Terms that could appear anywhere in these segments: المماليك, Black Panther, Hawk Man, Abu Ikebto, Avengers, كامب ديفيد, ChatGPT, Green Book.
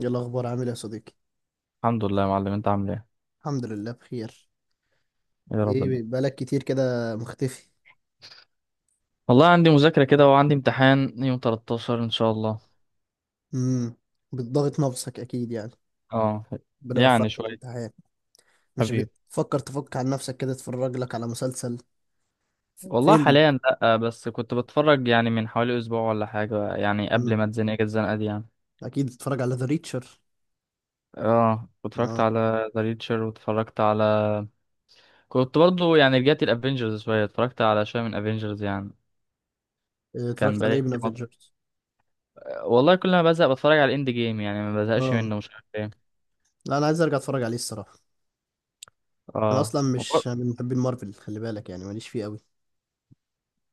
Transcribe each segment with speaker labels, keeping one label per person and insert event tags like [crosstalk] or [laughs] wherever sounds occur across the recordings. Speaker 1: ايه الاخبار عامل إيه يا صديقي؟
Speaker 2: الحمد لله يا معلم، انت عامل ايه؟
Speaker 1: الحمد لله بخير.
Speaker 2: يا ربنا.
Speaker 1: ايه بقالك كتير كده مختفي؟
Speaker 2: والله عندي مذاكرة كده، وعندي امتحان يوم 13 ان شاء الله.
Speaker 1: امم بتضغط نفسك اكيد يعني.
Speaker 2: اه.
Speaker 1: ربنا
Speaker 2: يعني
Speaker 1: يوفقك في
Speaker 2: شوية.
Speaker 1: الامتحان. مش
Speaker 2: حبيبي.
Speaker 1: بتفكر تفك عن نفسك كده تتفرج لك على مسلسل،
Speaker 2: والله
Speaker 1: فيلم؟
Speaker 2: حاليا لا، بس كنت بتفرج يعني من حوالي اسبوع ولا حاجة، يعني قبل
Speaker 1: امم
Speaker 2: ما اتزنق الزنقة دي يعني.
Speaker 1: اكيد بتتفرج على ذا ريتشر.
Speaker 2: اه، اتفرجت
Speaker 1: اه.
Speaker 2: على ذا ريتشر واتفرجت على. كنت برضو يعني رجعت الافينجرز شوية، اتفرجت على شوية من افينجرز يعني.
Speaker 1: إيه،
Speaker 2: كان
Speaker 1: اتفرجت على
Speaker 2: بقالي
Speaker 1: ايه من
Speaker 2: كتير
Speaker 1: افنجرز؟
Speaker 2: والله كل ما بزهق بتفرج على الاند جيم، يعني ما بزهقش
Speaker 1: اه.
Speaker 2: منه، مش عارف ايه.
Speaker 1: لا، انا عايز ارجع اتفرج عليه الصراحه. انا
Speaker 2: اه،
Speaker 1: اصلا مش من محبين مارفل، خلي بالك يعني، ماليش فيه قوي.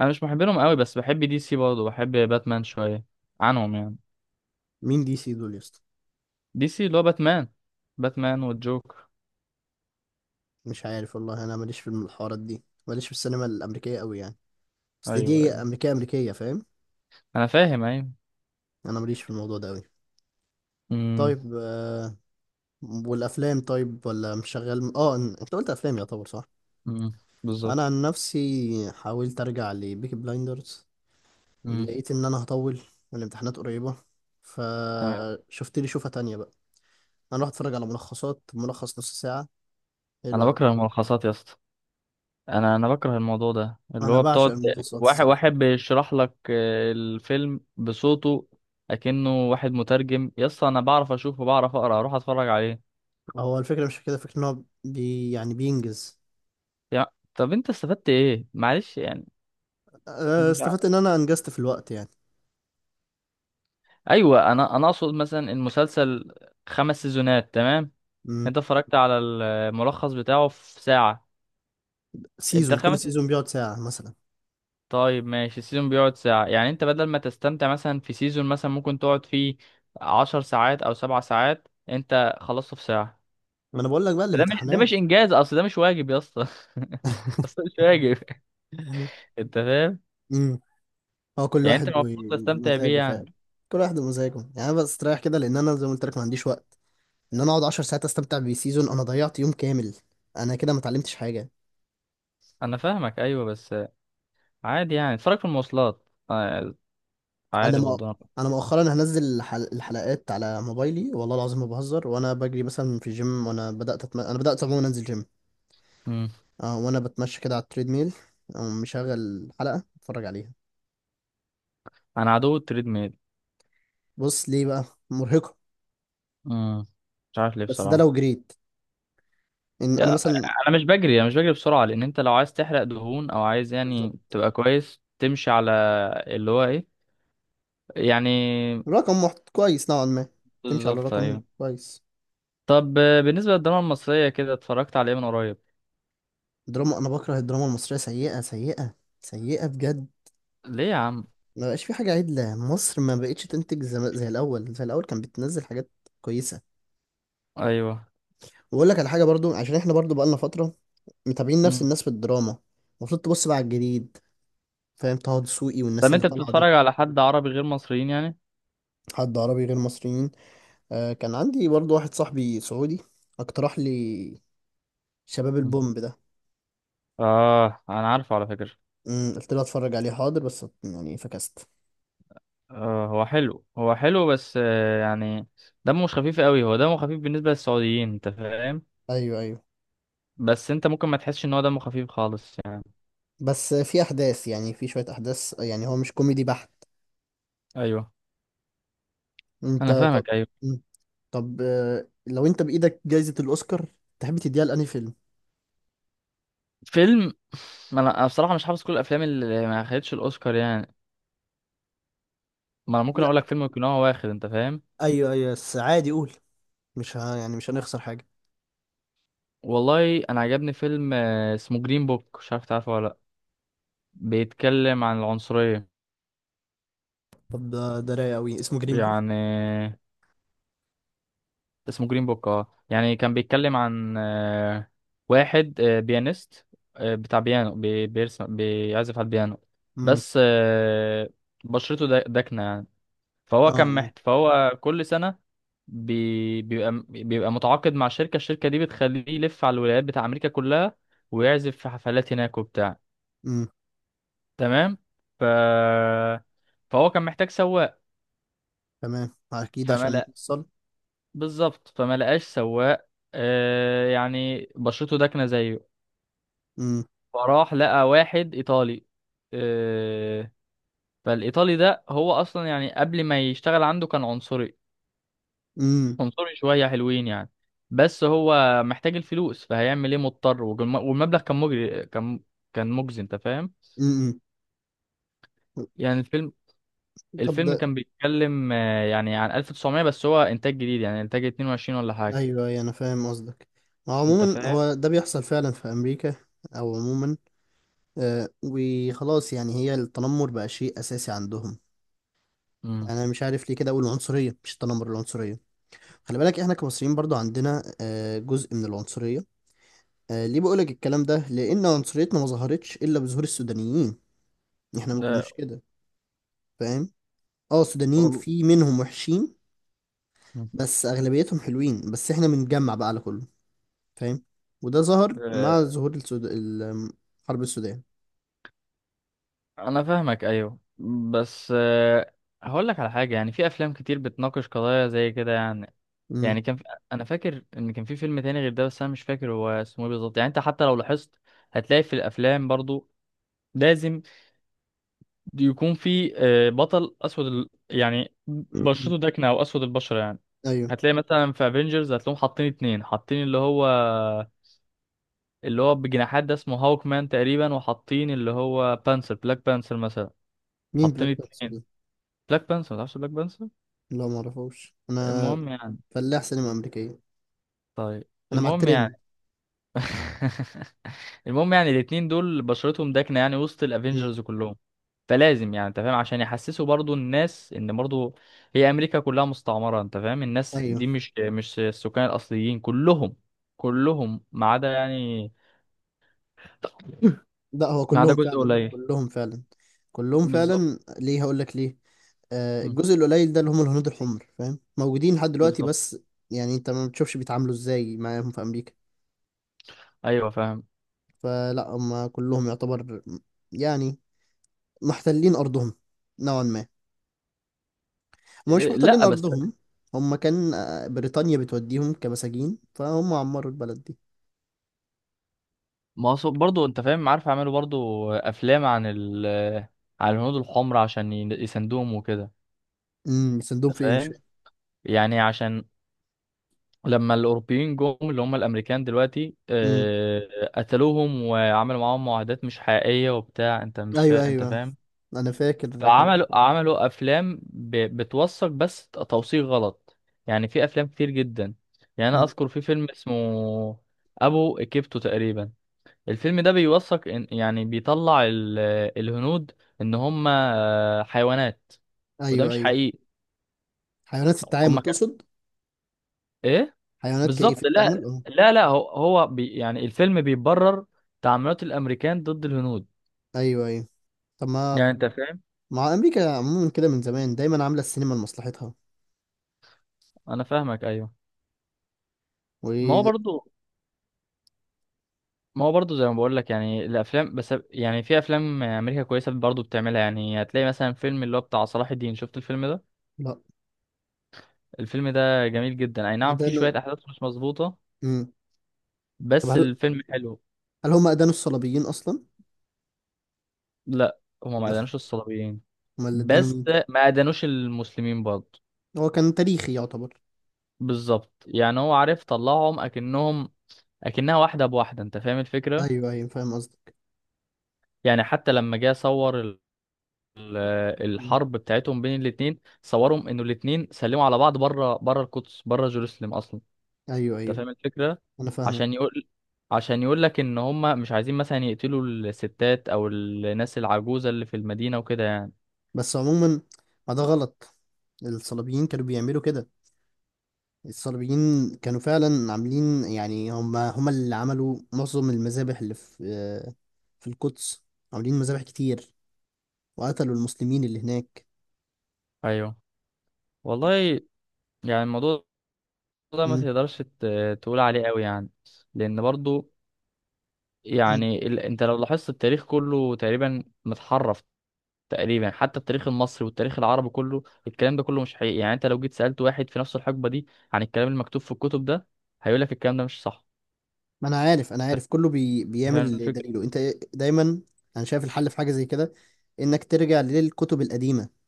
Speaker 2: انا مش محب لهم قوي بس بحب دي سي برضه، بحب باتمان شويه عنهم يعني.
Speaker 1: مين دي سي دول يا اسطى؟
Speaker 2: دي سي اللي هو باتمان. باتمان والجوكر.
Speaker 1: مش عارف والله، انا ماليش في الحوارات دي، ماليش في السينما الامريكيه قوي يعني. اصل
Speaker 2: ايوه،
Speaker 1: دي
Speaker 2: ايوه،
Speaker 1: امريكيه امريكيه، فاهم.
Speaker 2: انا فاهم، ايوه.
Speaker 1: انا ماليش في الموضوع ده قوي.
Speaker 2: امم
Speaker 1: طيب والافلام طيب ولا مش شغال؟ اه، انت قلت افلام يعتبر صح.
Speaker 2: امم بالظبط.
Speaker 1: انا عن نفسي حاولت ارجع لبيكي بلايندرز.
Speaker 2: امم
Speaker 1: لقيت ان انا هطول والامتحانات قريبه،
Speaker 2: تمام.
Speaker 1: فشفت لي شوفه تانية بقى. انا رحت اتفرج على ملخصات، ملخص نص ساعه. حلو
Speaker 2: انا
Speaker 1: قوي.
Speaker 2: بكره الملخصات يا اسطى. انا بكره الموضوع ده اللي
Speaker 1: انا
Speaker 2: هو
Speaker 1: بعشق
Speaker 2: بتقعد
Speaker 1: الملخصات
Speaker 2: واحد
Speaker 1: الصراحه.
Speaker 2: واحد بيشرح لك الفيلم بصوته. اكنه واحد مترجم يا اسطى، انا بعرف اشوف وبعرف اقرا اروح اتفرج عليه.
Speaker 1: هو الفكره مش في كده، فكره ان هو يعني بينجز.
Speaker 2: يا. طب انت استفدت ايه معلش يعني.
Speaker 1: استفدت ان انا انجزت في الوقت يعني.
Speaker 2: ايوه، انا اقصد مثلا المسلسل. خمس سيزونات تمام.
Speaker 1: مم.
Speaker 2: انت اتفرجت على الملخص بتاعه في ساعة. انت
Speaker 1: سيزون، كل
Speaker 2: خمس.
Speaker 1: سيزون بيقعد ساعه مثلا.
Speaker 2: طيب ماشي، السيزون بيقعد ساعة، يعني انت بدل ما تستمتع مثلا في سيزون مثلا ممكن تقعد فيه 10 ساعات او 7 ساعات انت خلصته في ساعة.
Speaker 1: ما انا بقول لك بقى
Speaker 2: ده مش ده
Speaker 1: الامتحانات.
Speaker 2: مش انجاز، اصل ده مش واجب يا اسطى [laughs]
Speaker 1: [laughs]
Speaker 2: اصل مش واجب.
Speaker 1: [laughs]
Speaker 2: انت فاهم.
Speaker 1: امم هو كل
Speaker 2: يعني انت
Speaker 1: واحد
Speaker 2: المفروض تستمتع بيه
Speaker 1: ومزاجه
Speaker 2: يعني.
Speaker 1: فعلا. كل واحد ومزاجه، يعني انا بستريح كده لان انا زي ما قلت لك ما عنديش وقت ان انا اقعد 10 ساعات استمتع بسيزون، انا ضيعت يوم كامل. انا كده ما اتعلمتش حاجه.
Speaker 2: انا فاهمك، ايوه بس عادي يعني اتفرج في المواصلات.
Speaker 1: انا
Speaker 2: عادي
Speaker 1: مؤ...
Speaker 2: برضه.
Speaker 1: انا مؤخرا هنزل الحلقات على موبايلي، والله العظيم ما بهزر، وانا بجري مثلا في الجيم، انا بدات عموما انزل جيم.
Speaker 2: أمم.
Speaker 1: اه، وانا بتمشى كده على التريد ميل، أقوم مشغل حلقه اتفرج عليها.
Speaker 2: انا عدو التريد.
Speaker 1: بص ليه بقى، مرهقه.
Speaker 2: امم مش عارف ليه
Speaker 1: بس ده لو
Speaker 2: بصراحة.
Speaker 1: جريت ان انا
Speaker 2: يا.
Speaker 1: مثلا
Speaker 2: انا مش بجري بسرعة، لان انت لو عايز تحرق دهون او عايز يعني تبقى كويس تمشي على اللي هو ايه يعني
Speaker 1: رقم كويس نوعا ما، تمشي على
Speaker 2: بالظبط
Speaker 1: رقم
Speaker 2: ايوه.
Speaker 1: كويس.
Speaker 2: طب بالنسبة للدراما المصرية كده، اتفرجت على ايه من قريب؟
Speaker 1: دراما، انا بكره الدراما المصريه، سيئه سيئه سيئه بجد.
Speaker 2: ليه يا عم؟
Speaker 1: ما بقاش في حاجه عدله، مصر ما بقتش تنتج زي الاول، زي الاول كان بتنزل حاجات كويسه.
Speaker 2: ايوه.
Speaker 1: واقول لك على حاجه برضو، عشان احنا برضو بقالنا فتره متابعين نفس
Speaker 2: امم.
Speaker 1: الناس في الدراما. المفروض تبص بقى على الجديد، فاهم، طه دسوقي والناس
Speaker 2: طب
Speaker 1: اللي
Speaker 2: انت
Speaker 1: طالعه دي.
Speaker 2: بتتفرج على حد عربي غير مصريين يعني؟
Speaker 1: حد عربي غير مصريين؟ آه، كان عندي برضو واحد صاحبي سعودي، اقترح لي شباب
Speaker 2: مم.
Speaker 1: البومب ده.
Speaker 2: اه، انا عارفه على فكرة.
Speaker 1: قلت له اتفرج عليه حاضر، بس يعني فكست.
Speaker 2: آه، هو حلو، هو حلو بس يعني دمه مش خفيف قوي، هو دمه خفيف بالنسبة للسعوديين، انت فاهم.
Speaker 1: ايوه ايوه،
Speaker 2: بس انت ممكن ما تحسش ان هو دمه خفيف خالص يعني.
Speaker 1: بس في احداث، يعني في شوية احداث، يعني هو مش كوميدي بحت.
Speaker 2: ايوه.
Speaker 1: انت
Speaker 2: انا
Speaker 1: طب.
Speaker 2: فاهمك، ايوه.
Speaker 1: مم. طب لو انت بايدك جايزة الاوسكار تحب تديها لأنهي فيلم؟
Speaker 2: فيلم. ما أنا بصراحه مش حافظ كل الافلام اللي ما خدتش الاوسكار يعني. ما انا ممكن
Speaker 1: لا.
Speaker 2: اقول لك فيلم يكون هو واخد، انت فاهم.
Speaker 1: ايوه ايوه، بس عادي قول، مش ه... يعني مش هنخسر حاجة.
Speaker 2: والله انا عجبني فيلم اسمه جرين بوك، مش عارف تعرفه ولا لا؟ بيتكلم عن العنصريه
Speaker 1: طب ده، ده رايق قوي اسمه جرين بوك.
Speaker 2: يعني. اسمه جرين بوك، يعني كان بيتكلم عن واحد بيانيست، بتاع بيانو بيرسم، بيعزف على البيانو.
Speaker 1: امم.
Speaker 2: بس بشرته داكنه يعني. فهو كان
Speaker 1: اه.
Speaker 2: محت فهو كل سنة بيبقى متعاقد مع الشركة دي، بتخليه يلف على الولايات بتاع أمريكا كلها، ويعزف في حفلات هناك وبتاع.
Speaker 1: امم.
Speaker 2: تمام. ف... فهو كان محتاج سواق.
Speaker 1: تمام، اكيد
Speaker 2: فما
Speaker 1: عشان
Speaker 2: لق...
Speaker 1: نوصل.
Speaker 2: بالظبط، فما لقاش سواق. يعني بشرته داكنة زيه،
Speaker 1: امم.
Speaker 2: فراح لقى واحد إيطالي. آه فالإيطالي ده هو أصلا يعني قبل ما يشتغل عنده كان عنصري،
Speaker 1: امم.
Speaker 2: عنصري شوية حلوين يعني. بس هو محتاج الفلوس، فهيعمل ايه، مضطر. والمبلغ كان مجري كان كان مجزي انت فاهم.
Speaker 1: امم.
Speaker 2: يعني الفيلم،
Speaker 1: طب
Speaker 2: الفيلم
Speaker 1: ده،
Speaker 2: كان بيتكلم يعني عن 1900، بس هو انتاج جديد، يعني انتاج 22 ولا حاجة،
Speaker 1: ايوه ايوه انا فاهم قصدك.
Speaker 2: انت
Speaker 1: عموما
Speaker 2: فاهم.
Speaker 1: هو ده بيحصل فعلا في امريكا، او عموما وخلاص يعني، هي التنمر بقى شيء اساسي عندهم.
Speaker 2: امم
Speaker 1: يعني انا مش عارف ليه كده، اقول العنصريه مش التنمر، العنصريه. خلي بالك احنا كمصريين برضو عندنا جزء من العنصريه. ليه بقولك الكلام ده، لان عنصريتنا ما ظهرتش الا بظهور السودانيين. احنا ما
Speaker 2: ده.
Speaker 1: كناش كده، فاهم. اه، السودانيين
Speaker 2: وال-
Speaker 1: في منهم وحشين،
Speaker 2: مم.
Speaker 1: بس اغلبيتهم حلوين، بس احنا بنجمع بقى على كله، فاهم. وده ظهر مع
Speaker 2: آه،
Speaker 1: ظهور حرب السودان.
Speaker 2: انا فاهمك، ايوه بس هقول لك على حاجة، يعني في افلام كتير بتناقش قضايا زي كده يعني.
Speaker 1: امم.
Speaker 2: يعني كان في... انا فاكر ان كان في فيلم تاني غير ده، بس انا مش فاكر هو اسمه ايه بالظبط، يعني انت حتى لو لاحظت هتلاقي في الافلام برضو لازم يكون في بطل اسود يعني بشرته داكنه او اسود البشره يعني.
Speaker 1: ايوه.
Speaker 2: هتلاقي مثلا في افنجرز هتلاقيهم حاطين اتنين، حاطين اللي هو اللي هو بجناحات ده اسمه هاوك مان تقريبا، وحاطين اللي هو بلاك بانسر مثلا.
Speaker 1: مين
Speaker 2: حاطين
Speaker 1: بلاك
Speaker 2: اتنين.
Speaker 1: بانثر؟
Speaker 2: بلاك بانسر، متعرفش بلاك بانسر؟
Speaker 1: لا، ما اعرفوش انا.
Speaker 2: المهم يعني.
Speaker 1: فلاح سينما امريكيه.
Speaker 2: طيب
Speaker 1: انا مع
Speaker 2: المهم يعني
Speaker 1: الترند.
Speaker 2: [laughs] المهم يعني الاتنين دول بشرتهم داكنة يعني وسط
Speaker 1: مم.
Speaker 2: الافينجرز كلهم. فلازم يعني، انت فاهم، عشان يحسسوا برضو الناس ان برضو هي امريكا كلها مستعمرة، انت فاهم، الناس دي
Speaker 1: ايوه.
Speaker 2: مش السكان الاصليين كلهم. كلهم ما عدا يعني،
Speaker 1: لا، هو
Speaker 2: ما عدا
Speaker 1: كلهم
Speaker 2: جزء
Speaker 1: فعلا،
Speaker 2: قليل.
Speaker 1: كلهم فعلا كلهم
Speaker 2: بالظبط.
Speaker 1: فعلا، ليه، هقول لك ليه.
Speaker 2: مم.
Speaker 1: الجزء القليل ده اللي هم الهنود الحمر، فاهم، موجودين لحد دلوقتي
Speaker 2: بالظبط،
Speaker 1: بس. يعني انت ما بتشوفش بيتعاملوا ازاي معاهم في امريكا.
Speaker 2: ايوه فاهم.
Speaker 1: فلا هم كلهم يعتبر، يعني محتلين ارضهم نوعا ما. هم مش
Speaker 2: إيه،
Speaker 1: محتلين
Speaker 2: لا بس
Speaker 1: ارضهم، هم كان بريطانيا بتوديهم كمساجين، فهم عمروا البلد دي.
Speaker 2: ما هو برضو انت فاهم، عارف يعملوا برضو افلام عن عن الهنود الحمر عشان يساندوهم وكده،
Speaker 1: سندهم
Speaker 2: انت
Speaker 1: في ايه، مش
Speaker 2: فاهم. يعني عشان لما الأوروبيين جم، اللي هم الأمريكان دلوقتي،
Speaker 1: فاهم.
Speaker 2: قتلوهم وعملوا معاهم معاهدات مش حقيقية وبتاع، أنت مش
Speaker 1: ايوه
Speaker 2: فا... أنت
Speaker 1: ايوه،
Speaker 2: فاهم.
Speaker 1: انا فاكر حاجه زي
Speaker 2: فعملوا
Speaker 1: كده.
Speaker 2: عملوا أفلام بتوثق، بس توثيق غلط. يعني في أفلام كتير جدا، يعني أنا
Speaker 1: مم.
Speaker 2: أذكر في فيلم اسمه أبو إيكيبتو تقريبا. الفيلم ده بيوثق يعني بيطلع الهنود إن هم حيوانات، وده
Speaker 1: ايوه
Speaker 2: مش
Speaker 1: ايوه.
Speaker 2: حقيقي.
Speaker 1: حيوانات في التعامل
Speaker 2: هم كان
Speaker 1: تقصد؟
Speaker 2: إيه.
Speaker 1: حيوانات كايه
Speaker 2: بالظبط،
Speaker 1: في التعامل،
Speaker 2: لا،
Speaker 1: اه.
Speaker 2: لا، لا، هو يعني الفيلم بيبرر تعاملات الامريكان ضد الهنود،
Speaker 1: ايوه ايوه. طب ما
Speaker 2: يعني انت فاهم.
Speaker 1: مع امريكا عموما كده من زمان، دايما عامله السينما لمصلحتها،
Speaker 2: انا فاهمك، ايوه. ما هو
Speaker 1: و
Speaker 2: برضو ما هو برضو زي ما بقول لك، يعني الافلام، بس يعني في افلام امريكا كويسه برضو بتعملها، يعني هتلاقي مثلا فيلم اللي هو بتاع صلاح الدين، شفت الفيلم ده؟
Speaker 1: لا
Speaker 2: الفيلم ده جميل جدا، اي نعم فيه
Speaker 1: ادانوا.
Speaker 2: شويه احداث مش مظبوطه
Speaker 1: مم. طب
Speaker 2: بس
Speaker 1: هل
Speaker 2: الفيلم حلو.
Speaker 1: هل هم ادانوا الصليبيين اصلا؟
Speaker 2: لا هما ما ادانوش
Speaker 1: [laughs]
Speaker 2: الصليبيين،
Speaker 1: امال اللي ادانوا
Speaker 2: بس
Speaker 1: مين؟
Speaker 2: ما ادانوش المسلمين برضو.
Speaker 1: هو كان تاريخي يعتبر.
Speaker 2: بالظبط، يعني هو عارف طلعهم اكنهم، اكنها واحده بواحده، انت فاهم الفكره.
Speaker 1: ايوه ايوه فاهم قصدك.
Speaker 2: يعني حتى لما جه صور ال-
Speaker 1: مم.
Speaker 2: الحرب بتاعتهم بين الاتنين، صورهم انه الاتنين سلموا على بعض بره بره القدس، بره جيروسلم اصلا.
Speaker 1: ايوه
Speaker 2: انت
Speaker 1: ايوه
Speaker 2: فاهم الفكره.
Speaker 1: انا
Speaker 2: عشان
Speaker 1: فاهمك.
Speaker 2: يقول عشان يقول لك ان هم مش عايزين مثلا يقتلوا الستات او الناس العجوزه اللي في المدينه وكده يعني.
Speaker 1: بس عموما ما ده غلط، الصليبيين كانوا بيعملوا كده، الصليبيين كانوا فعلا عاملين، يعني هم هم اللي عملوا معظم المذابح اللي في في القدس، عاملين مذابح كتير، وقتلوا المسلمين اللي هناك.
Speaker 2: ايوه. والله يعني الموضوع ده ما
Speaker 1: مم.
Speaker 2: تقدرش تقول عليه قوي يعني. لان برضو
Speaker 1: مم.
Speaker 2: يعني انت لو لاحظت التاريخ كله تقريبا متحرف. تقريبا حتى التاريخ المصري والتاريخ العربي كله، الكلام ده كله مش حقيقي، يعني انت لو جيت سألت واحد في نفس الحقبة دي عن الكلام المكتوب في الكتب ده هيقول لك الكلام ده مش صح.
Speaker 1: ما انا عارف، انا عارف كله بيعمل
Speaker 2: فاهم
Speaker 1: اللي
Speaker 2: الفكرة.
Speaker 1: دليله انت، دايما. انا شايف الحل في حاجة زي كده، انك ترجع للكتب القديمة،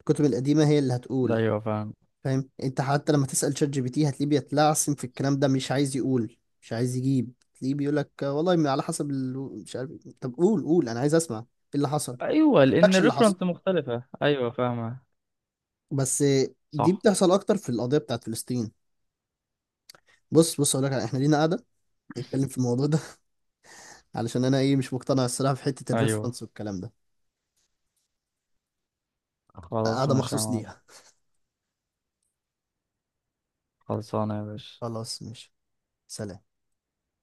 Speaker 1: الكتب القديمة هي اللي هتقول،
Speaker 2: ايوه فاهم،
Speaker 1: فاهم. انت حتى لما تسأل شات جي بي تي هتلاقيه بيتلعثم في الكلام ده، مش عايز يقول، مش عايز يجيب، تلاقيه بيقول لك والله ما على حسب مش عارف إيه. طب قول قول، انا عايز اسمع ايه اللي حصل،
Speaker 2: ايوه
Speaker 1: ما
Speaker 2: لان
Speaker 1: يقولكش اللي حصل،
Speaker 2: الريفرنس مختلفة، ايوه فاهمة.
Speaker 1: بس دي
Speaker 2: صح.
Speaker 1: بتحصل اكتر في القضية بتاعت فلسطين. بص بص اقول لك، احنا لينا قاعدة نتكلم في الموضوع ده، [laughs] علشان انا ايه مش مقتنع الصراحة في حتة
Speaker 2: ايوه،
Speaker 1: الريفرنس والكلام ده،
Speaker 2: خلاص
Speaker 1: قاعدة
Speaker 2: ماشي يا
Speaker 1: مخصوص
Speaker 2: معلم.
Speaker 1: ليها.
Speaker 2: خلصانه يا باشا.
Speaker 1: خلاص ماشي. سلام.